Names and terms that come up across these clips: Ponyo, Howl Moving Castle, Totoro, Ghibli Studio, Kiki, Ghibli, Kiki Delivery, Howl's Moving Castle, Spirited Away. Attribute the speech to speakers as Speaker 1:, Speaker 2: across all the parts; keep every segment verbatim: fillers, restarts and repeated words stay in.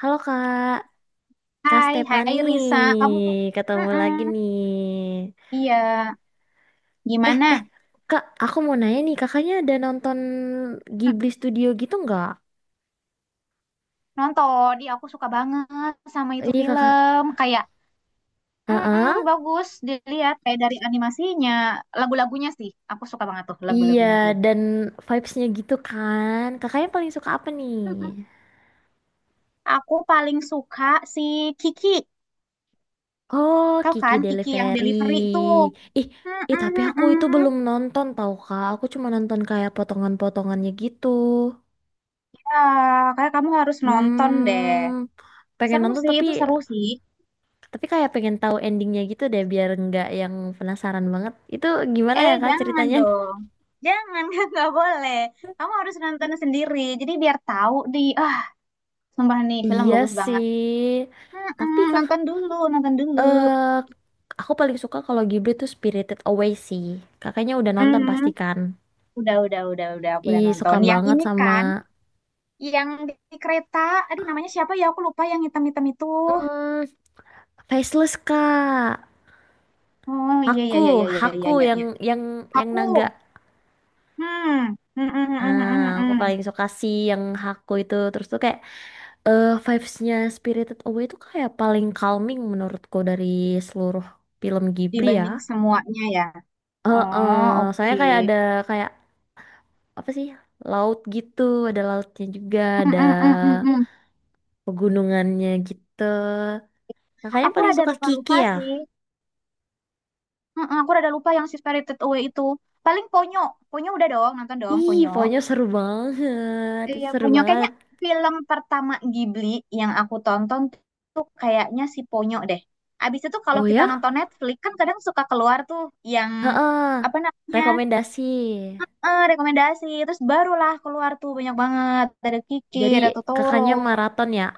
Speaker 1: Halo Kak, Kak
Speaker 2: Hai, hai
Speaker 1: Stefani,
Speaker 2: Risa, kamu,
Speaker 1: ketemu
Speaker 2: Mm-mm.
Speaker 1: lagi nih.
Speaker 2: Iya,
Speaker 1: Eh, eh,
Speaker 2: gimana?
Speaker 1: Kak, aku mau nanya nih, kakaknya ada nonton
Speaker 2: Hmm,
Speaker 1: Ghibli Studio gitu nggak?
Speaker 2: nonton, di aku suka banget sama itu
Speaker 1: Iya kakak.
Speaker 2: film, kayak, mm
Speaker 1: Heeh.
Speaker 2: bagus dilihat kayak dari animasinya, lagu-lagunya sih, aku suka banget tuh
Speaker 1: Iya,
Speaker 2: lagu-lagunya dia.
Speaker 1: dan vibes-nya gitu kan. Kakaknya paling suka apa nih?
Speaker 2: Mm-mm. Aku paling suka si Kiki,
Speaker 1: Oh,
Speaker 2: tau
Speaker 1: Kiki
Speaker 2: kan Kiki yang delivery
Speaker 1: Delivery.
Speaker 2: tuh.
Speaker 1: Ih, ih, tapi aku itu
Speaker 2: Mm-mm-mm-mm.
Speaker 1: belum nonton tau Kak, aku cuma nonton kayak potongan-potongannya gitu.
Speaker 2: Ya, kayak kamu harus nonton deh.
Speaker 1: Hmm, pengen
Speaker 2: Seru
Speaker 1: nonton
Speaker 2: sih,
Speaker 1: tapi
Speaker 2: itu seru sih.
Speaker 1: Tapi kayak pengen tahu endingnya gitu deh biar nggak yang penasaran banget. Itu gimana ya
Speaker 2: Eh,
Speaker 1: Kak
Speaker 2: jangan
Speaker 1: ceritanya?
Speaker 2: dong. Jangan, nggak boleh. Kamu harus nonton sendiri. Jadi biar tahu di, ah, sumpah nih film
Speaker 1: Iya
Speaker 2: bagus banget.
Speaker 1: sih.
Speaker 2: Mm-mm,
Speaker 1: Tapi
Speaker 2: nonton
Speaker 1: Kak,
Speaker 2: dulu, nonton dulu.
Speaker 1: eh aku paling suka kalau Ghibli tuh Spirited Away sih. Kakaknya udah nonton pasti
Speaker 2: Mm,
Speaker 1: kan?
Speaker 2: udah, udah, udah, udah. Aku udah
Speaker 1: Ih, suka
Speaker 2: nonton. Yang
Speaker 1: banget
Speaker 2: ini
Speaker 1: sama
Speaker 2: kan, yang di, di kereta. Aduh, namanya siapa ya? Aku lupa yang hitam-hitam itu.
Speaker 1: hmm, Faceless Kak.
Speaker 2: Oh, iya, iya,
Speaker 1: Haku,
Speaker 2: iya, iya, iya, iya,
Speaker 1: Haku
Speaker 2: iya,
Speaker 1: yang
Speaker 2: iya.
Speaker 1: yang yang
Speaker 2: Aku,
Speaker 1: naga.
Speaker 2: hmm, mm, mm, mm,
Speaker 1: Ah,
Speaker 2: mm,
Speaker 1: aku
Speaker 2: mm,
Speaker 1: paling
Speaker 2: mm.
Speaker 1: suka sih yang Haku itu. Terus tuh kayak eh vibes-nya Spirited Away itu kayak paling calming menurutku dari seluruh film Ghibli ya.
Speaker 2: Dibanding semuanya ya.
Speaker 1: Eh,
Speaker 2: Oh,
Speaker 1: eh,
Speaker 2: oke.
Speaker 1: soalnya kayak ada kayak apa sih laut gitu, ada lautnya juga,
Speaker 2: Mm,
Speaker 1: ada
Speaker 2: mm, mm, mm, mm.
Speaker 1: pegunungannya gitu. Makanya
Speaker 2: Aku
Speaker 1: paling
Speaker 2: rada
Speaker 1: suka
Speaker 2: lupa-lupa
Speaker 1: Kiki ya.
Speaker 2: sih. Mm-mm, aku rada lupa yang si Spirited Away itu. Paling Ponyo. Ponyo udah dong, nonton dong
Speaker 1: Ih,
Speaker 2: Ponyo.
Speaker 1: pokoknya seru banget, itu
Speaker 2: Iya,
Speaker 1: seru
Speaker 2: Ponyo.
Speaker 1: banget.
Speaker 2: Kayaknya film pertama Ghibli yang aku tonton tuh kayaknya si Ponyo deh. Abis itu kalau
Speaker 1: Oh
Speaker 2: kita
Speaker 1: ya,
Speaker 2: nonton Netflix kan kadang suka keluar tuh yang
Speaker 1: heeh,
Speaker 2: apa namanya
Speaker 1: rekomendasi.
Speaker 2: eh, rekomendasi. Terus barulah keluar tuh banyak banget. Ada Kiki,
Speaker 1: Jadi
Speaker 2: ada Totoro.
Speaker 1: kakaknya maraton ya.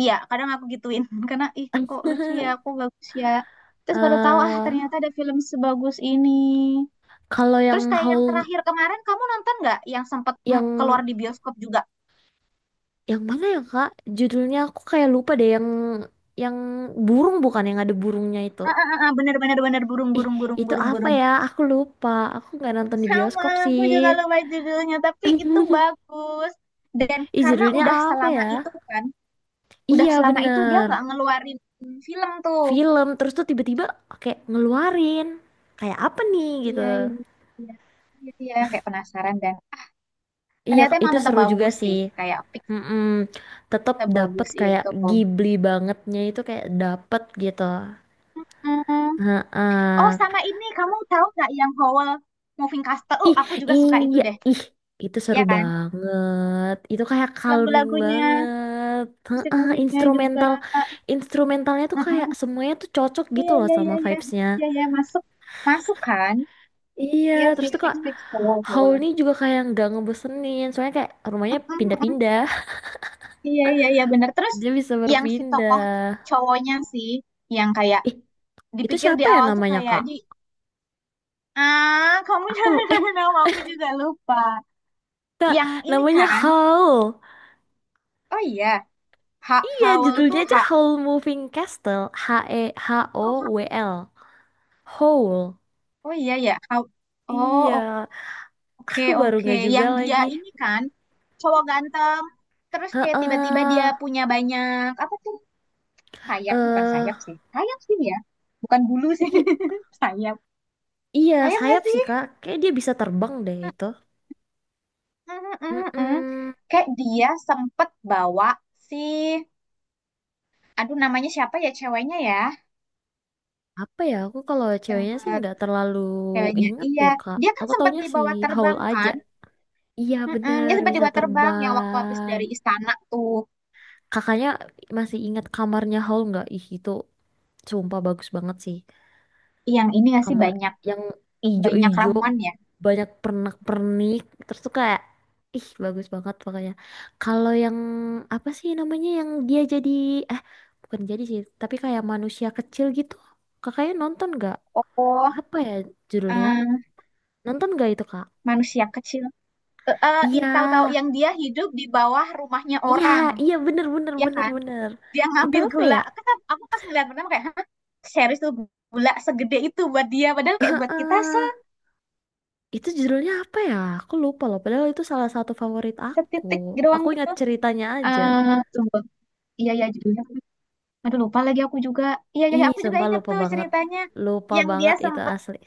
Speaker 2: Iya, kadang aku gituin karena ih kok lucu ya, kok bagus ya. Terus baru tahu ah
Speaker 1: eh
Speaker 2: ternyata ada film sebagus ini.
Speaker 1: Kalau
Speaker 2: Terus
Speaker 1: yang
Speaker 2: kayak yang
Speaker 1: Howl
Speaker 2: terakhir kemarin kamu nonton nggak yang sempat mm, keluar
Speaker 1: yang
Speaker 2: di bioskop juga?
Speaker 1: Yang mana ya Kak? Judulnya aku kayak lupa deh yang yang burung bukan yang ada burungnya itu.
Speaker 2: Ah, ah, bener bener bener burung
Speaker 1: Ih,
Speaker 2: burung burung
Speaker 1: itu
Speaker 2: burung
Speaker 1: apa
Speaker 2: burung.
Speaker 1: ya? Aku lupa. Aku nggak nonton di
Speaker 2: Sama,
Speaker 1: bioskop
Speaker 2: aku
Speaker 1: sih.
Speaker 2: juga lupa judulnya, tapi itu bagus. Dan
Speaker 1: Ih,
Speaker 2: karena
Speaker 1: judulnya
Speaker 2: udah
Speaker 1: apa
Speaker 2: selama
Speaker 1: ya?
Speaker 2: itu kan, udah
Speaker 1: Iya
Speaker 2: selama itu dia
Speaker 1: bener.
Speaker 2: nggak ngeluarin film tuh.
Speaker 1: Film terus tuh tiba-tiba kayak ngeluarin. Kayak apa nih gitu.
Speaker 2: Iya, iya, iya, iya, iya, kayak penasaran dan
Speaker 1: Iya,
Speaker 2: ternyata emang
Speaker 1: itu
Speaker 2: tetap
Speaker 1: seru juga
Speaker 2: bagus
Speaker 1: sih.
Speaker 2: sih, kayak fix
Speaker 1: Mm-mm. Tetap
Speaker 2: tetap
Speaker 1: dapet
Speaker 2: bagus
Speaker 1: kayak
Speaker 2: itu.
Speaker 1: Ghibli bangetnya itu kayak dapet gitu.
Speaker 2: Hmm. Oh,
Speaker 1: Heeh.
Speaker 2: sama ini kamu tahu nggak yang Howell Moving Castle? Uh,
Speaker 1: Ih,
Speaker 2: aku juga suka itu
Speaker 1: iya,
Speaker 2: deh,
Speaker 1: ih, itu
Speaker 2: ya
Speaker 1: seru
Speaker 2: kan?
Speaker 1: banget. Itu kayak calming
Speaker 2: Lagu-lagunya,
Speaker 1: banget. Heeh,
Speaker 2: musik-musiknya juga.
Speaker 1: instrumental, instrumentalnya tuh kayak
Speaker 2: Mm-mm.
Speaker 1: semuanya tuh cocok gitu
Speaker 2: Iya,
Speaker 1: loh
Speaker 2: iya,
Speaker 1: sama
Speaker 2: iya, iya,
Speaker 1: vibes-nya.
Speaker 2: iya, iya, masuk, masuk kan?
Speaker 1: Iya,
Speaker 2: Iya
Speaker 1: terus
Speaker 2: sih,
Speaker 1: tuh
Speaker 2: fix,
Speaker 1: kak,
Speaker 2: fix, boleh, boleh.
Speaker 1: Howlnya juga kayak nggak ngebosenin, soalnya kayak rumahnya
Speaker 2: Mm-mm.
Speaker 1: pindah-pindah.
Speaker 2: Iya, iya, iya, bener. Terus
Speaker 1: Dia bisa
Speaker 2: yang si tokoh
Speaker 1: berpindah.
Speaker 2: cowoknya sih, yang kayak
Speaker 1: Ih, itu
Speaker 2: dipikir di
Speaker 1: siapa ya
Speaker 2: awal tuh
Speaker 1: namanya
Speaker 2: kayak
Speaker 1: kak?
Speaker 2: di, ah, kamu
Speaker 1: Aku lu, eh,
Speaker 2: jangan, nama aku juga lupa.
Speaker 1: kak,
Speaker 2: Yang ini
Speaker 1: namanya
Speaker 2: kan,
Speaker 1: Howl.
Speaker 2: oh iya, ha
Speaker 1: Iya,
Speaker 2: Howell
Speaker 1: judulnya
Speaker 2: tuh,
Speaker 1: aja
Speaker 2: ha,
Speaker 1: Howl Moving Castle. H E H O
Speaker 2: oh, ha-
Speaker 1: W L. Howl.
Speaker 2: oh iya ya, How, oh
Speaker 1: Iya,
Speaker 2: oke, Oke,
Speaker 1: aku baru
Speaker 2: oke.
Speaker 1: nggak juga
Speaker 2: Yang dia
Speaker 1: lagi.
Speaker 2: ini kan cowok ganteng. Terus kayak tiba-tiba dia
Speaker 1: Heeh.
Speaker 2: punya banyak apa tuh? Sayap, bukan sayap
Speaker 1: Eh,
Speaker 2: sih. Sayap sih ya. Bukan bulu sih.
Speaker 1: iya,
Speaker 2: Sayap.
Speaker 1: iya
Speaker 2: Sayap nggak
Speaker 1: sayap
Speaker 2: sih?
Speaker 1: sih Kak. Kayak dia bisa terbang deh itu.
Speaker 2: Mm, mm, mm.
Speaker 1: Mm-mm.
Speaker 2: Kayak dia sempet bawa si aduh, namanya siapa ya ceweknya ya?
Speaker 1: Apa ya? Aku kalau ceweknya sih
Speaker 2: Sempet
Speaker 1: nggak terlalu
Speaker 2: ceweknya.
Speaker 1: inget
Speaker 2: Iya,
Speaker 1: deh Kak.
Speaker 2: dia kan
Speaker 1: Aku
Speaker 2: sempet
Speaker 1: taunya si
Speaker 2: dibawa
Speaker 1: Howl
Speaker 2: terbang
Speaker 1: aja.
Speaker 2: kan?
Speaker 1: Iya
Speaker 2: Mm-mm, dia
Speaker 1: bener
Speaker 2: sempet
Speaker 1: bisa
Speaker 2: dibawa terbang yang waktu habis
Speaker 1: terbang.
Speaker 2: dari istana tuh.
Speaker 1: Kakaknya masih ingat kamarnya Howl nggak? Ih itu sumpah bagus banget sih.
Speaker 2: Yang ini nggak sih,
Speaker 1: Kamar
Speaker 2: banyak
Speaker 1: yang
Speaker 2: banyak
Speaker 1: ijo-ijo
Speaker 2: ramuan ya?
Speaker 1: banyak pernak-pernik terus tuh kayak ih bagus banget pokoknya kalau yang apa sih namanya yang dia jadi, eh bukan jadi sih tapi kayak manusia kecil gitu, kakaknya nonton gak
Speaker 2: Oh,
Speaker 1: apa ya judulnya,
Speaker 2: eh,
Speaker 1: nonton gak itu kak?
Speaker 2: manusia kecil, eh eh, in-
Speaker 1: iya
Speaker 2: tahu-tahu yang dia hidup di bawah rumahnya
Speaker 1: iya
Speaker 2: orang,
Speaker 1: iya bener bener
Speaker 2: ya
Speaker 1: bener
Speaker 2: kan?
Speaker 1: bener
Speaker 2: Dia
Speaker 1: Itu
Speaker 2: ngambil
Speaker 1: apa ya?
Speaker 2: gula kan, aku pas ngeliat pertama kayak, "Hah, serius tuh gula segede itu buat dia, padahal kayak buat kita se
Speaker 1: eh itu judulnya apa ya, aku lupa loh padahal itu salah satu favorit aku
Speaker 2: setitik doang
Speaker 1: aku
Speaker 2: gitu."
Speaker 1: ingat ceritanya aja.
Speaker 2: Eh tunggu, iya iya judulnya apa? Aduh, lupa lagi aku juga. Iya iya iya,
Speaker 1: Ih,
Speaker 2: aku juga
Speaker 1: sumpah
Speaker 2: inget
Speaker 1: lupa
Speaker 2: tuh
Speaker 1: banget.
Speaker 2: ceritanya.
Speaker 1: Lupa
Speaker 2: Yang dia
Speaker 1: banget itu
Speaker 2: sempet
Speaker 1: asli.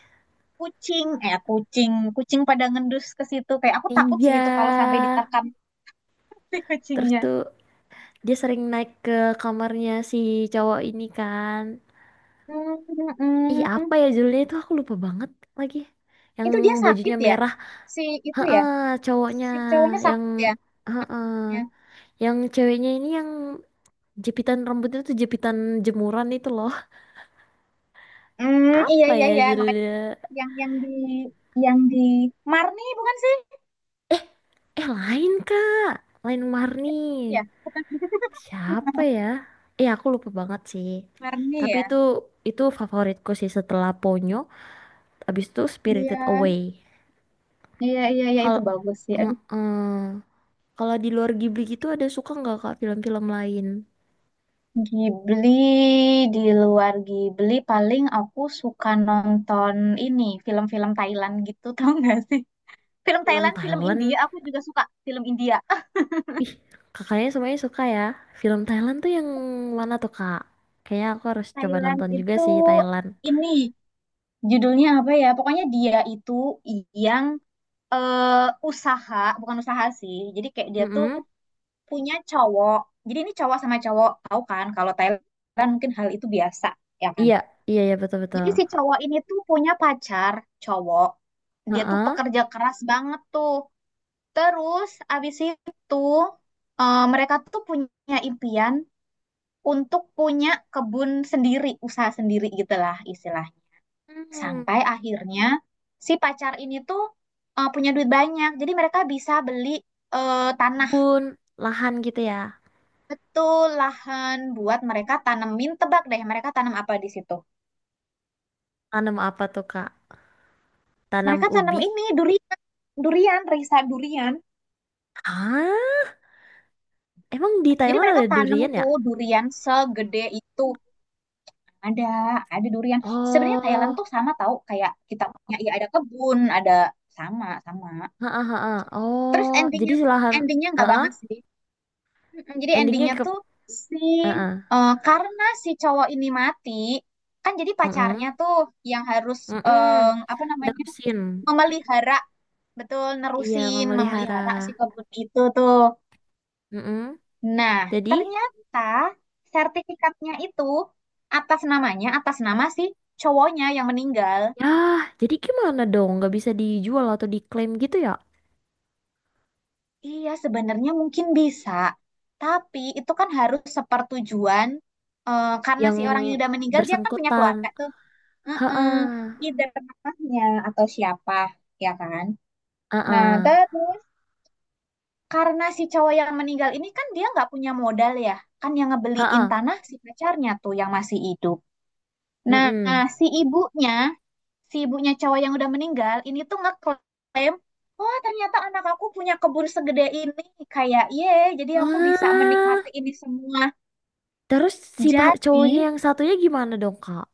Speaker 2: kucing eh kucing kucing pada ngendus ke situ, kayak aku takut sih itu kalau
Speaker 1: Iya.
Speaker 2: sampai diterkam.
Speaker 1: Terus
Speaker 2: Kucingnya.
Speaker 1: tuh dia sering naik ke kamarnya si cowok ini kan.
Speaker 2: Hmm,
Speaker 1: Ih,
Speaker 2: mm,
Speaker 1: apa
Speaker 2: mm.
Speaker 1: ya judulnya itu aku lupa banget lagi. Yang
Speaker 2: Itu dia
Speaker 1: bajunya
Speaker 2: sakit ya?
Speaker 1: merah.
Speaker 2: Si itu
Speaker 1: Heeh,
Speaker 2: ya?
Speaker 1: cowoknya
Speaker 2: Si cowoknya
Speaker 1: yang
Speaker 2: sakit ya?
Speaker 1: heeh,
Speaker 2: Ya.
Speaker 1: yang ceweknya ini yang jepitan rambutnya tuh jepitan jemuran itu loh.
Speaker 2: Hmm, iya
Speaker 1: Apa
Speaker 2: iya
Speaker 1: ya
Speaker 2: iya, makanya
Speaker 1: judulnya?
Speaker 2: yang yang di yang di Marni bukan sih?
Speaker 1: Eh, eh lain, Kak. Lain Marni.
Speaker 2: Ya, bukan
Speaker 1: Siapa ya? Iya aku lupa banget sih.
Speaker 2: Marni
Speaker 1: Tapi itu
Speaker 2: ya.
Speaker 1: itu favoritku sih setelah Ponyo. Abis itu Spirited
Speaker 2: Iya.
Speaker 1: Away.
Speaker 2: Iya iya iya, itu
Speaker 1: Kalau
Speaker 2: bagus sih. Aduh,
Speaker 1: heeh, kalau di luar Ghibli gitu ada suka nggak kak film-film lain?
Speaker 2: Ghibli di luar Ghibli paling aku suka nonton ini film-film Thailand gitu tau gak sih? Film
Speaker 1: Film
Speaker 2: Thailand, film India,
Speaker 1: Thailand?
Speaker 2: aku juga suka film India.
Speaker 1: Ih, kakaknya semuanya suka ya. Film Thailand tuh yang mana tuh kak? Kayaknya aku harus coba
Speaker 2: Thailand
Speaker 1: nonton juga
Speaker 2: itu
Speaker 1: sih Thailand.
Speaker 2: ini judulnya apa ya? Pokoknya dia itu yang eh usaha, bukan usaha sih. Jadi kayak dia tuh
Speaker 1: Mm-mm.
Speaker 2: punya cowok. Jadi ini cowok sama cowok, tahu kan? Kalau Thailand mungkin hal itu biasa, ya kan?
Speaker 1: Iya, iya ya betul-betul.
Speaker 2: Jadi si cowok ini tuh punya pacar cowok. Dia tuh
Speaker 1: Heeh.
Speaker 2: pekerja keras banget tuh. Terus abis itu eh, mereka tuh punya impian untuk punya kebun sendiri, usaha sendiri gitulah istilah.
Speaker 1: Hmm.
Speaker 2: Sampai akhirnya si pacar ini tuh eh, punya duit banyak. Jadi mereka bisa beli eh, tanah.
Speaker 1: Kebun, lahan gitu ya.
Speaker 2: Betul, lahan buat mereka tanemin. Tebak deh, mereka tanam apa di situ?
Speaker 1: Tanam apa tuh kak? Tanam
Speaker 2: Mereka tanam
Speaker 1: ubi?
Speaker 2: ini, durian. Durian, Risa, durian.
Speaker 1: Hah? Emang di
Speaker 2: Jadi
Speaker 1: Thailand
Speaker 2: mereka
Speaker 1: ada
Speaker 2: tanam
Speaker 1: durian ya?
Speaker 2: tuh durian segede itu. Ada, ada durian. Sebenarnya Thailand
Speaker 1: Oh.
Speaker 2: tuh sama tahu kayak kita punya, ya ada kebun, ada, sama, sama.
Speaker 1: Ha ha ha. Ha.
Speaker 2: Terus
Speaker 1: Oh, jadi
Speaker 2: endingnya tuh,
Speaker 1: selahan,
Speaker 2: endingnya nggak
Speaker 1: heeh.
Speaker 2: banget sih. Mm, Jadi
Speaker 1: Endingnya
Speaker 2: endingnya
Speaker 1: ke
Speaker 2: tuh si
Speaker 1: heeh.
Speaker 2: eh, karena si cowok ini mati, kan jadi
Speaker 1: Heeh.
Speaker 2: pacarnya tuh yang harus eh,
Speaker 1: Heeh.
Speaker 2: apa namanya
Speaker 1: Nerusin.
Speaker 2: memelihara, betul
Speaker 1: Iya,
Speaker 2: nerusin
Speaker 1: memelihara.
Speaker 2: memelihara si kebun itu tuh.
Speaker 1: Heeh.
Speaker 2: Nah,
Speaker 1: Jadi,
Speaker 2: ternyata sertifikatnya itu atas namanya atas nama si cowoknya yang meninggal.
Speaker 1: ya, jadi gimana dong? Gak bisa dijual atau diklaim gitu ya?
Speaker 2: Iya, sebenarnya mungkin bisa, tapi itu kan harus sepertujuan, eh, karena
Speaker 1: Yang
Speaker 2: si orang yang udah meninggal dia kan punya
Speaker 1: bersangkutan.
Speaker 2: keluarga tuh. mm
Speaker 1: Heeh.
Speaker 2: Either mamahnya atau siapa, ya kan? Nah,
Speaker 1: Heeh.
Speaker 2: terus karena si cowok yang meninggal ini kan dia nggak punya modal ya, kan yang ngebeliin
Speaker 1: Heeh.
Speaker 2: tanah si pacarnya tuh yang masih hidup. Nah,
Speaker 1: Heeh.
Speaker 2: si ibunya, si ibunya cowok yang udah meninggal ini tuh ngeklaim, oh ternyata anak aku punya kebun segede ini, kayak ye, jadi aku bisa menikmati
Speaker 1: Ah,
Speaker 2: ini semua.
Speaker 1: terus si pa-
Speaker 2: Jadi,
Speaker 1: cowoknya yang satunya gimana dong, Kak?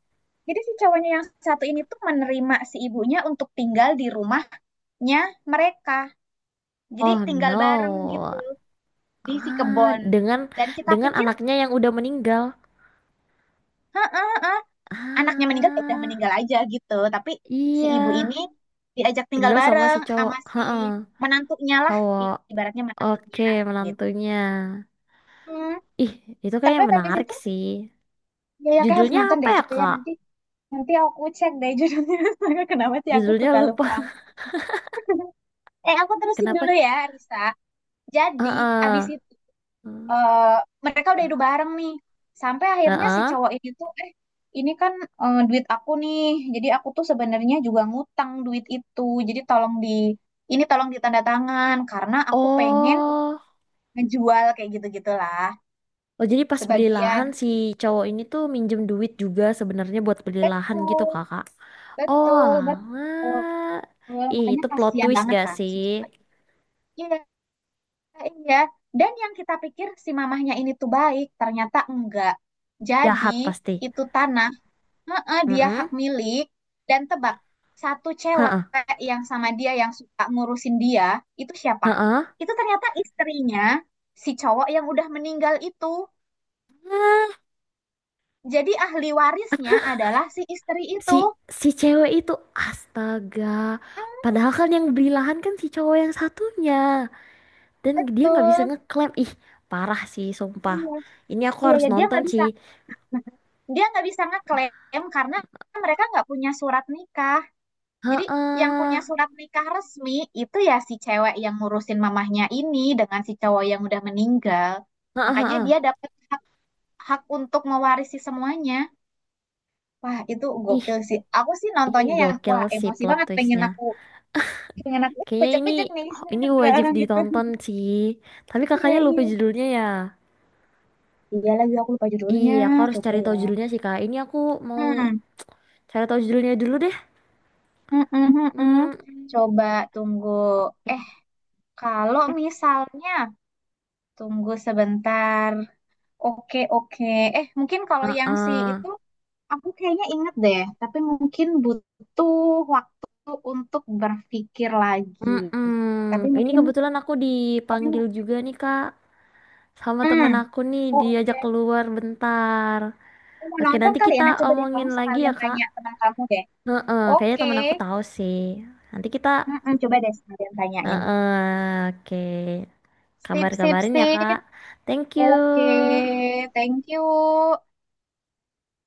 Speaker 2: jadi si cowoknya yang satu ini tuh menerima si ibunya untuk tinggal di rumahnya mereka. Jadi
Speaker 1: Oh
Speaker 2: tinggal bareng
Speaker 1: no.
Speaker 2: gitu di si
Speaker 1: Ah,
Speaker 2: kebon.
Speaker 1: dengan
Speaker 2: Dan kita
Speaker 1: dengan
Speaker 2: pikir,
Speaker 1: anaknya yang udah meninggal.
Speaker 2: "Hah, ah, ah, anaknya meninggal ya udah
Speaker 1: Ah,
Speaker 2: meninggal aja gitu." Tapi si
Speaker 1: iya.
Speaker 2: ibu ini diajak tinggal
Speaker 1: Tinggal sama si
Speaker 2: bareng
Speaker 1: cowok.
Speaker 2: sama si
Speaker 1: Heeh,
Speaker 2: menantunya lah,
Speaker 1: cowok.
Speaker 2: ibaratnya
Speaker 1: Oke,
Speaker 2: menantunya gitu.
Speaker 1: menantunya.
Speaker 2: Hmm,
Speaker 1: Ih, itu kayaknya
Speaker 2: Terus habis
Speaker 1: menarik
Speaker 2: itu
Speaker 1: sih.
Speaker 2: ya, ya kayak harus
Speaker 1: Judulnya
Speaker 2: nonton
Speaker 1: apa
Speaker 2: deh,
Speaker 1: ya,
Speaker 2: coba ya
Speaker 1: Kak?
Speaker 2: nanti, nanti aku cek deh judulnya. Kenapa sih aku
Speaker 1: Judulnya
Speaker 2: suka
Speaker 1: lupa.
Speaker 2: lupa. Eh aku terusin
Speaker 1: Kenapa?
Speaker 2: dulu ya Risa, jadi abis
Speaker 1: Heeh.
Speaker 2: itu eh, mereka udah hidup bareng nih. Sampai akhirnya si
Speaker 1: Heeh.
Speaker 2: cowok ini tuh, eh ini kan, eh, duit aku nih. Jadi aku tuh sebenarnya juga ngutang duit itu. Jadi tolong di, ini tolong ditanda tangan karena aku pengen
Speaker 1: Oh.
Speaker 2: ngejual kayak gitu-gitulah.
Speaker 1: Oh, jadi pas beli
Speaker 2: Sebagian
Speaker 1: lahan si cowok ini tuh minjem duit juga sebenarnya buat beli lahan gitu,
Speaker 2: betul,
Speaker 1: Kakak. Oh,
Speaker 2: betul, betul.
Speaker 1: alah. Ih,
Speaker 2: Makanya
Speaker 1: itu plot
Speaker 2: kasihan
Speaker 1: twist
Speaker 2: banget
Speaker 1: gak
Speaker 2: kan
Speaker 1: sih?
Speaker 2: si cowok ini. Iya, iya. Dan yang kita pikir si mamahnya ini tuh baik, ternyata enggak. Jadi
Speaker 1: Jahat pasti.
Speaker 2: itu tanah, heeh, dia
Speaker 1: Mm-mm.
Speaker 2: hak milik, dan tebak, satu cewek
Speaker 1: Heeh.
Speaker 2: yang sama dia, yang suka ngurusin dia, itu siapa?
Speaker 1: Heeh.
Speaker 2: Itu ternyata istrinya si cowok yang udah meninggal itu.
Speaker 1: Ah,
Speaker 2: Jadi ahli warisnya adalah si istri
Speaker 1: si
Speaker 2: itu.
Speaker 1: si cewek itu astaga. Padahal kan yang beli lahan kan si cowok yang satunya. Dan dia nggak bisa
Speaker 2: Betul.
Speaker 1: ngeklaim. Ih, parah sih, sumpah.
Speaker 2: Iya,
Speaker 1: Ini aku
Speaker 2: iya
Speaker 1: harus
Speaker 2: ya, dia
Speaker 1: nonton
Speaker 2: nggak bisa
Speaker 1: sih.
Speaker 2: dia nggak bisa ngeklaim karena mereka nggak punya surat nikah. Jadi yang punya
Speaker 1: Heeh.
Speaker 2: surat nikah resmi itu ya si cewek yang ngurusin mamahnya ini dengan si cowok yang udah meninggal.
Speaker 1: Heeh,
Speaker 2: Makanya
Speaker 1: heeh.
Speaker 2: dia dapat hak untuk mewarisi semuanya. Wah, itu
Speaker 1: Ih,
Speaker 2: gokil sih. Aku sih
Speaker 1: ini
Speaker 2: nontonnya yang
Speaker 1: gokil
Speaker 2: wah
Speaker 1: sih
Speaker 2: emosi
Speaker 1: plot
Speaker 2: banget, pengen
Speaker 1: twistnya.
Speaker 2: aku pengen aku
Speaker 1: Kayaknya ini
Speaker 2: bejek-bejek nih
Speaker 1: ini
Speaker 2: dua
Speaker 1: wajib
Speaker 2: orang itu.
Speaker 1: ditonton sih. Tapi
Speaker 2: Iya,
Speaker 1: kakaknya lupa
Speaker 2: iya.
Speaker 1: judulnya ya.
Speaker 2: Iya lagi aku lupa judulnya.
Speaker 1: Iya, aku harus
Speaker 2: Coba
Speaker 1: cari
Speaker 2: ya.
Speaker 1: tahu judulnya sih, Kak. Ini aku mau
Speaker 2: Hmm.
Speaker 1: cari tahu judulnya dulu deh.
Speaker 2: Hmm, hmm, hmm, hmm.
Speaker 1: Hmm,
Speaker 2: Coba tunggu. Eh, kalau misalnya tunggu sebentar. Oke, oke. Eh, mungkin kalau yang si
Speaker 1: uh-uh.
Speaker 2: itu aku kayaknya inget deh, tapi mungkin butuh waktu untuk berpikir lagi. Tapi
Speaker 1: Mm-mm. Ini
Speaker 2: mungkin
Speaker 1: kebetulan aku
Speaker 2: Tapi
Speaker 1: dipanggil
Speaker 2: mungkin,
Speaker 1: juga nih, Kak. Sama temen
Speaker 2: hmm,
Speaker 1: aku nih,
Speaker 2: oh,
Speaker 1: diajak
Speaker 2: oke.
Speaker 1: keluar bentar.
Speaker 2: Kamu mau
Speaker 1: Oke,
Speaker 2: nonton
Speaker 1: nanti
Speaker 2: kali
Speaker 1: kita
Speaker 2: ya? Nah, coba deh kamu
Speaker 1: omongin lagi ya,
Speaker 2: sekalian
Speaker 1: Kak.
Speaker 2: tanya teman kamu deh.
Speaker 1: Heeh, kayaknya
Speaker 2: Oke.
Speaker 1: temen aku tahu sih. Nanti kita,
Speaker 2: Mm-mm, coba deh sekalian tanyain.
Speaker 1: heeh, oke.
Speaker 2: Sip, sip,
Speaker 1: Kabar-kabarin ya,
Speaker 2: sip.
Speaker 1: Kak. Thank you.
Speaker 2: Oke, thank you.